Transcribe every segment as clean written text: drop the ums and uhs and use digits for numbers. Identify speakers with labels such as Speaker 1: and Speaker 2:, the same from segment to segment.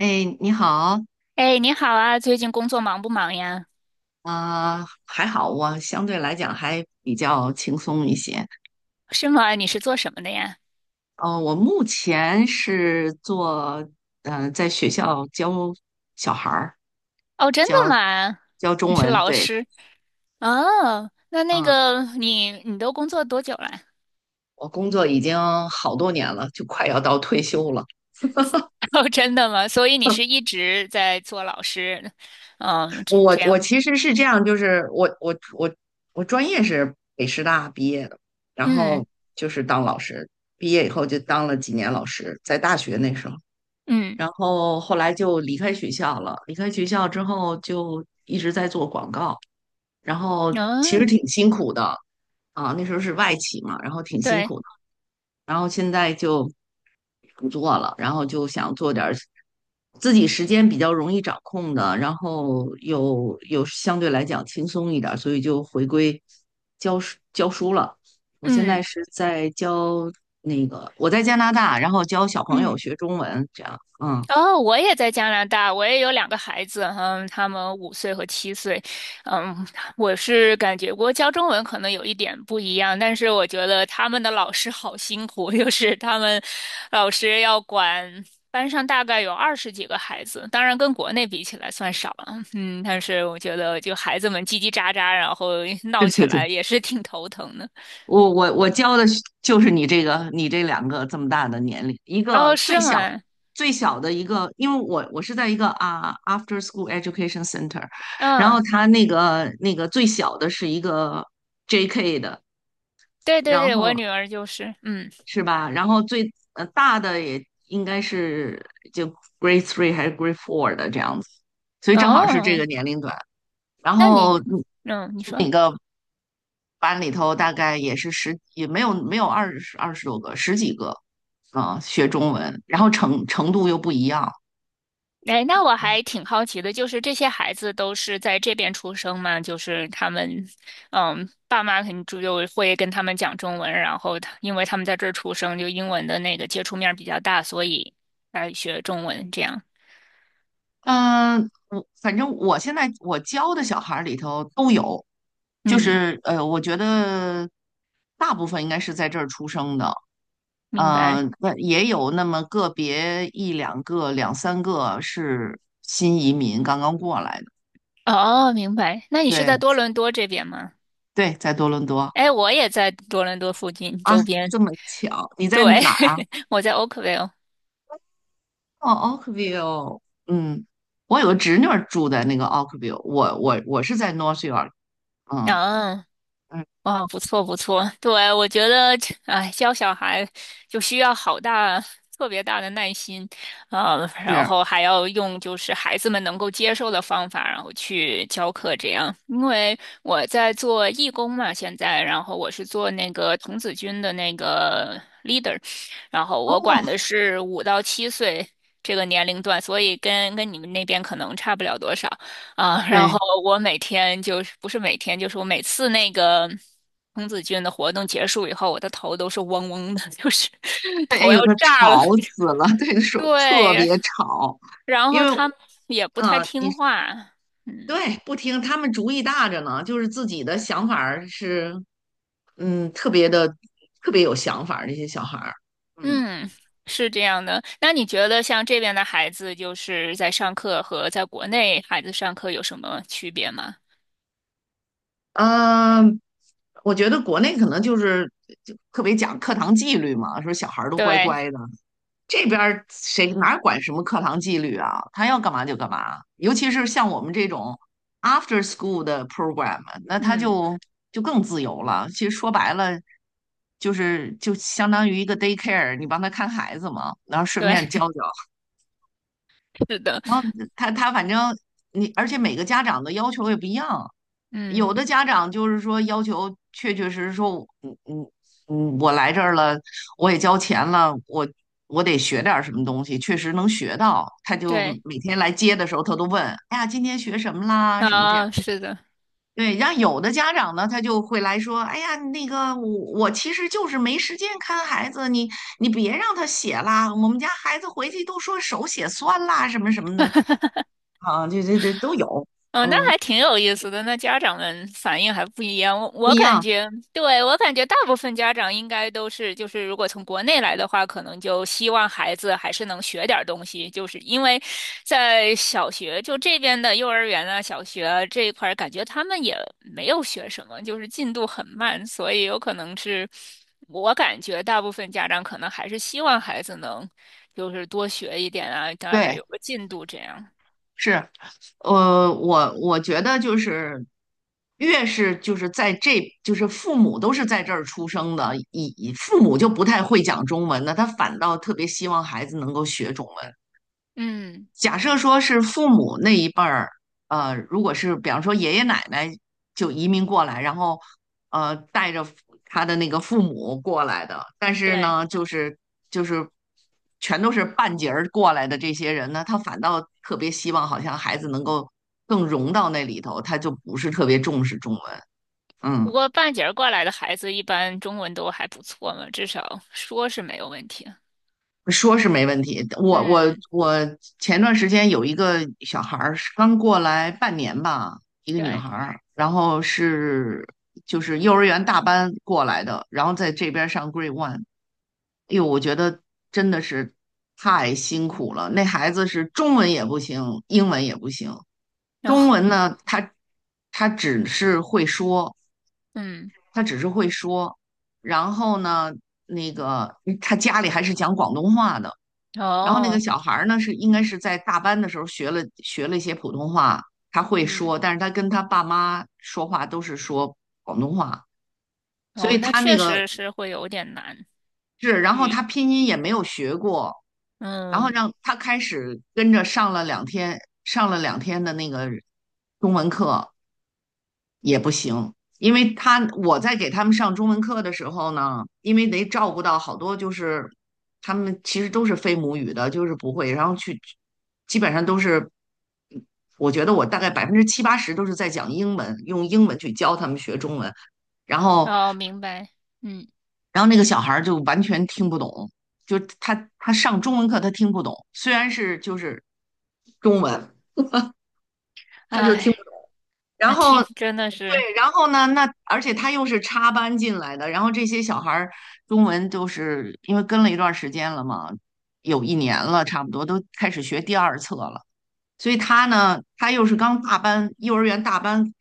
Speaker 1: 哎，你好，
Speaker 2: 哎，你好啊，最近工作忙不忙呀？
Speaker 1: 还好，我相对来讲还比较轻松一些。
Speaker 2: 是吗？你是做什么的呀？
Speaker 1: 我目前是做，嗯，在学校教小孩儿，
Speaker 2: 哦，真的
Speaker 1: 教
Speaker 2: 吗？
Speaker 1: 教
Speaker 2: 你
Speaker 1: 中
Speaker 2: 是
Speaker 1: 文，
Speaker 2: 老
Speaker 1: 对，
Speaker 2: 师？哦，那那
Speaker 1: 嗯，
Speaker 2: 个你你都工作多久了？
Speaker 1: 我工作已经好多年了，就快要到退休了。
Speaker 2: 哦，真的吗？所以你是一直在做老师，嗯，这
Speaker 1: 我
Speaker 2: 这
Speaker 1: 我
Speaker 2: 样，
Speaker 1: 其实是这样，就是我专业是北师大毕业的，然
Speaker 2: 嗯
Speaker 1: 后就是当老师，毕业以后就当了几年老师，在大学那时候。
Speaker 2: 嗯，
Speaker 1: 然后后来就离开学校了。离开学校之后，就一直在做广告，然后其实
Speaker 2: 嗯，
Speaker 1: 挺辛苦的啊。那时候是外企嘛，然后挺辛
Speaker 2: 对，
Speaker 1: 苦的。然后现在就不做了，然后就想做点儿自己时间比较容易掌控的，然后又相对来讲轻松一点儿，所以就回归教书教书了。我现在
Speaker 2: 嗯
Speaker 1: 是在教那个，我在加拿大，然后教小朋友
Speaker 2: 嗯。
Speaker 1: 学中文，这样，嗯，
Speaker 2: 哦，我也在加拿大，我也有两个孩子，嗯，他们五岁和七岁。嗯，我是感觉我教中文可能有一点不一样，但是我觉得他们的老师好辛苦，就是他们老师要管班上大概有二十几个孩子，当然跟国内比起来算少了，嗯，但是我觉得就孩子们叽叽喳喳，然后
Speaker 1: 对
Speaker 2: 闹起
Speaker 1: 对对。
Speaker 2: 来也是挺头疼的。
Speaker 1: 我教的就是你这两个这么大的年龄，一
Speaker 2: 哦，
Speaker 1: 个最
Speaker 2: 是
Speaker 1: 小
Speaker 2: 吗？
Speaker 1: 最小的一个，因为我是在一个啊 after school education center，然后
Speaker 2: 嗯，
Speaker 1: 他那个最小的是一个 JK 的，
Speaker 2: 对对
Speaker 1: 然
Speaker 2: 对，我
Speaker 1: 后
Speaker 2: 女儿就是，嗯，
Speaker 1: 是吧？然后最大的也应该是就 grade three 还是 grade four 的这样子，所以正好是这个
Speaker 2: 哦。
Speaker 1: 年龄段。然
Speaker 2: 那你，
Speaker 1: 后
Speaker 2: 嗯，你说，
Speaker 1: 那个班里头大概也是十，也没有二十多个，十几个，啊，学中文，然后程度又不一样，
Speaker 2: 哎，那我还挺好奇的，就是这些孩子都是在这边出生吗？就是他们，嗯，爸妈肯定就会跟他们讲中文，然后他因为他们在这儿出生，就英文的那个接触面儿比较大，所以来学中文这样。
Speaker 1: 嗯，我反正我现在我教的小孩儿里头都有，就
Speaker 2: 嗯，
Speaker 1: 是我觉得大部分应该是在这儿出生的，
Speaker 2: 明白。
Speaker 1: 那也有那么个别一两个、两三个是新移民刚刚过来的，
Speaker 2: 哦，明白。那你是
Speaker 1: 对
Speaker 2: 在多伦多这边吗？
Speaker 1: 对，在多伦多
Speaker 2: 哎，我也在多伦多附近
Speaker 1: 啊，
Speaker 2: 周边，
Speaker 1: 这么巧，你在
Speaker 2: 对，
Speaker 1: 哪儿啊？
Speaker 2: 我在 Oakville。
Speaker 1: 哦，Oakville，嗯，我有个侄女儿住在那个 Oakville，我是在 North York，嗯
Speaker 2: 啊
Speaker 1: 嗯
Speaker 2: 哇，不错不错，对，我觉得，哎，教小孩就需要好大、特别大的耐心，
Speaker 1: 是，
Speaker 2: 然后还要用就是孩子们能够接受的方法，然后去教课这样。因为我在做义工嘛，现在，然后我是做那个童子军的那个 leader，然后
Speaker 1: 哦，
Speaker 2: 我管的是五到七岁这个年龄段，所以跟你们那边可能差不了多少。啊，然后
Speaker 1: 对，
Speaker 2: 我每天就是不是每天，就是我每次那个童子军的活动结束以后，我的头都是嗡嗡的，就是
Speaker 1: 对，哎
Speaker 2: 头要
Speaker 1: 呦，它
Speaker 2: 炸了。
Speaker 1: 吵死了，对，说时特
Speaker 2: 对，
Speaker 1: 别吵，
Speaker 2: 然
Speaker 1: 因
Speaker 2: 后
Speaker 1: 为
Speaker 2: 他们也不太
Speaker 1: 你
Speaker 2: 听话，嗯
Speaker 1: 对不听，他们主意大着呢，就是自己的想法儿是嗯特别的特别有想法儿，这些小孩儿，嗯
Speaker 2: 嗯，是这样的。那你觉得像这边的孩子，就是在上课和在国内孩子上课有什么区别吗？
Speaker 1: 嗯。我觉得国内可能就是就特别讲课堂纪律嘛，说小孩儿都乖
Speaker 2: 对，
Speaker 1: 乖的，这边儿谁哪管什么课堂纪律啊？他要干嘛就干嘛，尤其是像我们这种 after school 的 program，那他
Speaker 2: 嗯，
Speaker 1: 就更自由了。其实说白了，就是就相当于一个 daycare，你帮他看孩子嘛，然后顺
Speaker 2: 对，
Speaker 1: 便教教。
Speaker 2: 是的，
Speaker 1: 然后他反正你，而且每个家长的要求也不一样，有
Speaker 2: 嗯，
Speaker 1: 的家长就是说要求，确确实实说我，嗯嗯嗯，我来这儿了，我也交钱了，我得学点儿什么东西，确实能学到。他就
Speaker 2: 对，
Speaker 1: 每天来接的时候，他都问，哎呀，今天学什么啦？什么这样？
Speaker 2: 啊，是的。
Speaker 1: 对，然后有的家长呢，他就会来说，哎呀，那个我其实就是没时间看孩子，你别让他写啦，我们家孩子回去都说手写酸啦，什么什么的，啊，这都有，
Speaker 2: 哦，那
Speaker 1: 嗯，
Speaker 2: 还挺有意思的。那家长们反应还不一样，我
Speaker 1: 不
Speaker 2: 我
Speaker 1: 一
Speaker 2: 感
Speaker 1: 样，
Speaker 2: 觉，对，我感觉大部分家长应该都是，就是如果从国内来的话，可能就希望孩子还是能学点儿东西，就是因为在小学就这边的幼儿园啊、小学啊这一块儿，感觉他们也没有学什么，就是进度很慢，所以有可能是我感觉大部分家长可能还是希望孩子能就是多学一点啊，大概
Speaker 1: 对，
Speaker 2: 有个进度这样。
Speaker 1: 是。我觉得就是越是就是在这就是父母都是在这儿出生的，以父母就不太会讲中文的，他反倒特别希望孩子能够学中文。
Speaker 2: 嗯，
Speaker 1: 假设说是父母那一辈儿，如果是比方说爷爷奶奶就移民过来，然后带着他的那个父母过来的，但是
Speaker 2: 对。
Speaker 1: 呢，就是全都是半截儿过来的这些人呢，他反倒特别希望好像孩子能够更融到那里头，他就不是特别重视中文。
Speaker 2: 不
Speaker 1: 嗯。
Speaker 2: 过半截儿过来的孩子一般中文都还不错嘛，至少说是没有问题的。
Speaker 1: 说是没问题。我我
Speaker 2: 嗯，
Speaker 1: 我前段时间有一个小孩儿是刚过来半年吧，一个女
Speaker 2: 对，
Speaker 1: 孩儿，然后就是幼儿园大班过来的，然后在这边上 Grade One。哎呦，我觉得真的是太辛苦了。那孩子是中文也不行，英文也不行。
Speaker 2: 然后
Speaker 1: 中文呢，他只是会说，
Speaker 2: 嗯，
Speaker 1: 他只是会说，然后呢，那个他家里还是讲广东话的。然后那个
Speaker 2: 哦，
Speaker 1: 小孩儿呢，是应该是在大班的时候学了一些普通话，他会
Speaker 2: 嗯，
Speaker 1: 说，但是他跟他爸妈说话都是说广东话，所
Speaker 2: 哦，
Speaker 1: 以
Speaker 2: 那
Speaker 1: 他那
Speaker 2: 确
Speaker 1: 个
Speaker 2: 实是会有点难
Speaker 1: 是，然后
Speaker 2: 语。
Speaker 1: 他拼音也没有学过，然后
Speaker 2: 嗯，
Speaker 1: 让他开始跟着上了两天，上了两天的那个中文课，也不行，因为他我在给他们上中文课的时候呢，因为得照顾到好多就是他们其实都是非母语的，就是不会，然后去基本上都是，我觉得我大概百分之七八十都是在讲英文，用英文去教他们学中文，然后
Speaker 2: 哦，明白。嗯，
Speaker 1: 然后那个小孩就完全听不懂，就他上中文课他听不懂，虽然是就是中文，他就听。
Speaker 2: 哎，
Speaker 1: 然
Speaker 2: 那
Speaker 1: 后
Speaker 2: 听真的是。
Speaker 1: 对，然后呢，那而且他又是插班进来的，然后这些小孩儿中文就是因为跟了一段时间了嘛，有一年了，差不多都开始学第二册了。所以他呢，他又是刚大班，幼儿园大班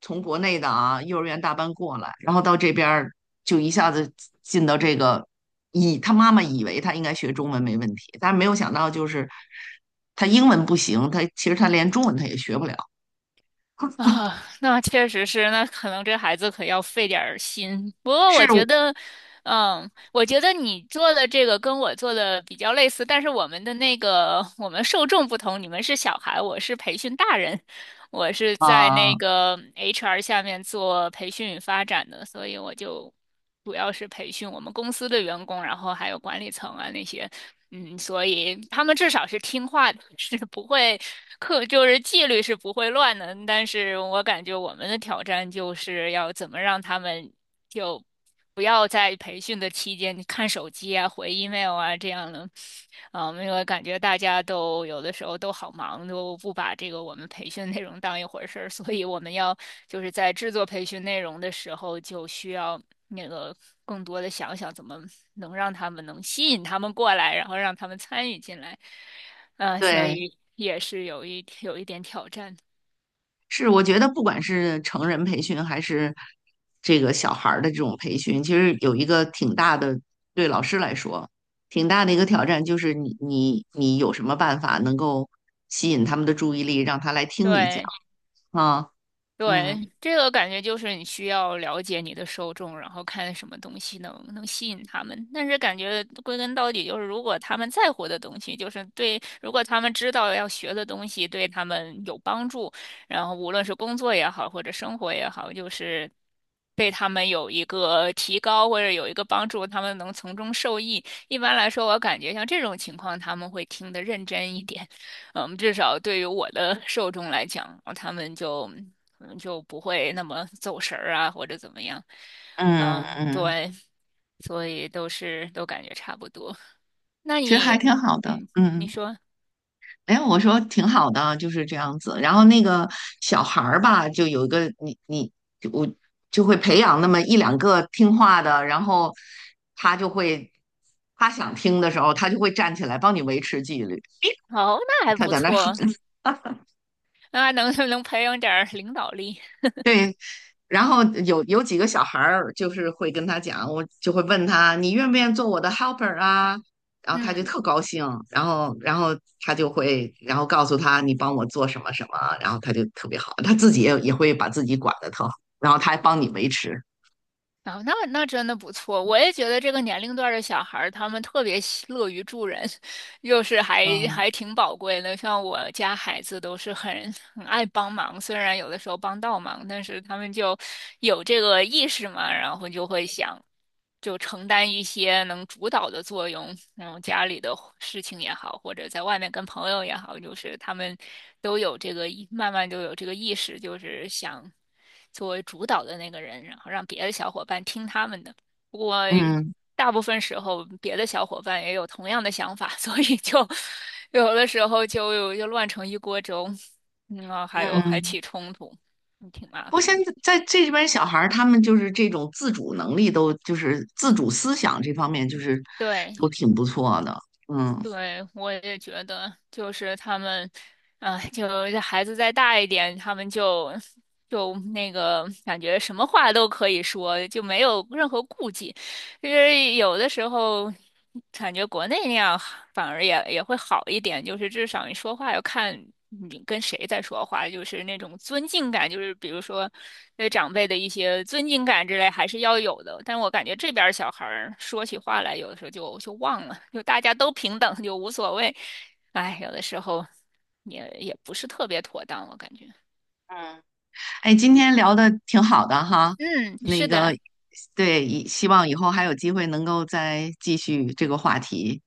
Speaker 1: 从国内的啊，幼儿园大班过来，然后到这边儿就一下子进到这个，以他妈妈以为他应该学中文没问题，但是没有想到就是他英文不行，他其实他连中文他也学不了，
Speaker 2: 啊，那确实是，那可能这孩子可要费点儿心。不过我觉
Speaker 1: 是
Speaker 2: 得，嗯，我觉得你做的这个跟我做的比较类似，但是我们的那个我们受众不同，你们是小孩，我是培训大人，我是在那
Speaker 1: 啊。
Speaker 2: 个 HR 下面做培训与发展的，所以我就主要是培训我们公司的员工，然后还有管理层啊那些，嗯，所以他们至少是听话的，是不会课就是纪律是不会乱的。但是我感觉我们的挑战就是要怎么让他们就。不要在培训的期间看手机啊、回 email 啊这样的，啊，因为感觉大家都有的时候都好忙，都不把这个我们培训内容当一回事儿，所以我们要就是在制作培训内容的时候，就需要那个更多的想想怎么能让他们能吸引他们过来，然后让他们参与进来，嗯，所
Speaker 1: 对，
Speaker 2: 以也是有一点挑战，
Speaker 1: 是我觉得不管是成人培训还是这个小孩儿的这种培训，其实有一个挺大的，对老师来说挺大的一个挑战，就是你有什么办法能够吸引他们的注意力，让他来听你讲
Speaker 2: 对。
Speaker 1: 啊？嗯
Speaker 2: 对，这个感觉就是你需要了解你的受众，然后看什么东西能吸引他们。但是感觉归根到底就是，如果他们在乎的东西，就是对，如果他们知道要学的东西对他们有帮助，然后无论是工作也好，或者生活也好，就是对他们有一个提高或者有一个帮助，他们能从中受益。一般来说，我感觉像这种情况，他们会听得认真一点。嗯，至少对于我的 受众来讲，他们就可能就不会那么走神儿啊，或者怎么样。
Speaker 1: 嗯
Speaker 2: 嗯，
Speaker 1: 嗯，
Speaker 2: 对，所以都是都感觉差不多。那
Speaker 1: 其实还
Speaker 2: 你，
Speaker 1: 挺好的，
Speaker 2: 嗯，你
Speaker 1: 嗯。
Speaker 2: 说，
Speaker 1: 哎，我说挺好的，就是这样子。然后那个小孩儿吧，就有一个我就会培养那么一两个听话的，然后他就会他想听的时候，他就会站起来帮你维持纪律。
Speaker 2: 哦，那还
Speaker 1: 他
Speaker 2: 不
Speaker 1: 在那儿喊，
Speaker 2: 错，那能 能培养点儿领导力。
Speaker 1: 对，然后有几个小孩儿，就是会跟他讲，我就会问他，你愿不愿意做我的 helper 啊？然后他就
Speaker 2: 嗯，
Speaker 1: 特高兴，然后他就会，然后告诉他你帮我做什么什么，然后他就特别好，他自己也会把自己管得特好，然后他还帮你维持。
Speaker 2: 哦，那那真的不错。我也觉得这个年龄段儿的小孩儿，他们特别喜乐于助人。就是还
Speaker 1: 嗯
Speaker 2: 还挺宝贵的。像我家孩子都是很爱帮忙，虽然有的时候帮倒忙，但是他们就有这个意识嘛，然后就会想就承担一些能主导的作用，然后家里的事情也好，或者在外面跟朋友也好，就是他们都有这个意，慢慢就有这个意识，就是想作为主导的那个人，然后让别的小伙伴听他们的。我。
Speaker 1: 嗯
Speaker 2: 大部分时候别的小伙伴也有同样的想法，所以就有的时候就乱成一锅粥，嗯，啊还有还
Speaker 1: 嗯，
Speaker 2: 起冲突，嗯挺麻
Speaker 1: 不过
Speaker 2: 烦
Speaker 1: 现
Speaker 2: 的。
Speaker 1: 在在这边小孩儿，他们就是这种自主能力都，就是自主思想这方面，就是
Speaker 2: 对，
Speaker 1: 都挺不错的。嗯。
Speaker 2: 对，我也觉得，就是他们，啊、就是孩子再大一点，他们就就那个感觉什么话都可以说，就没有任何顾忌。就是有的时候感觉国内那样反而也会好一点，就是至少你说话要看你跟谁在说话，就是那种尊敬感，就是比如说对长辈的一些尊敬感之类还是要有的。但我感觉这边儿小孩儿说起话来，有的时候就忘了，就大家都平等，就无所谓。哎，有的时候也不是特别妥当，我感觉。
Speaker 1: 哎，今天聊的挺好的哈，
Speaker 2: 嗯，
Speaker 1: 那
Speaker 2: 是的。
Speaker 1: 个，
Speaker 2: 好。
Speaker 1: 对，以希望以后还有机会能够再继续这个话题。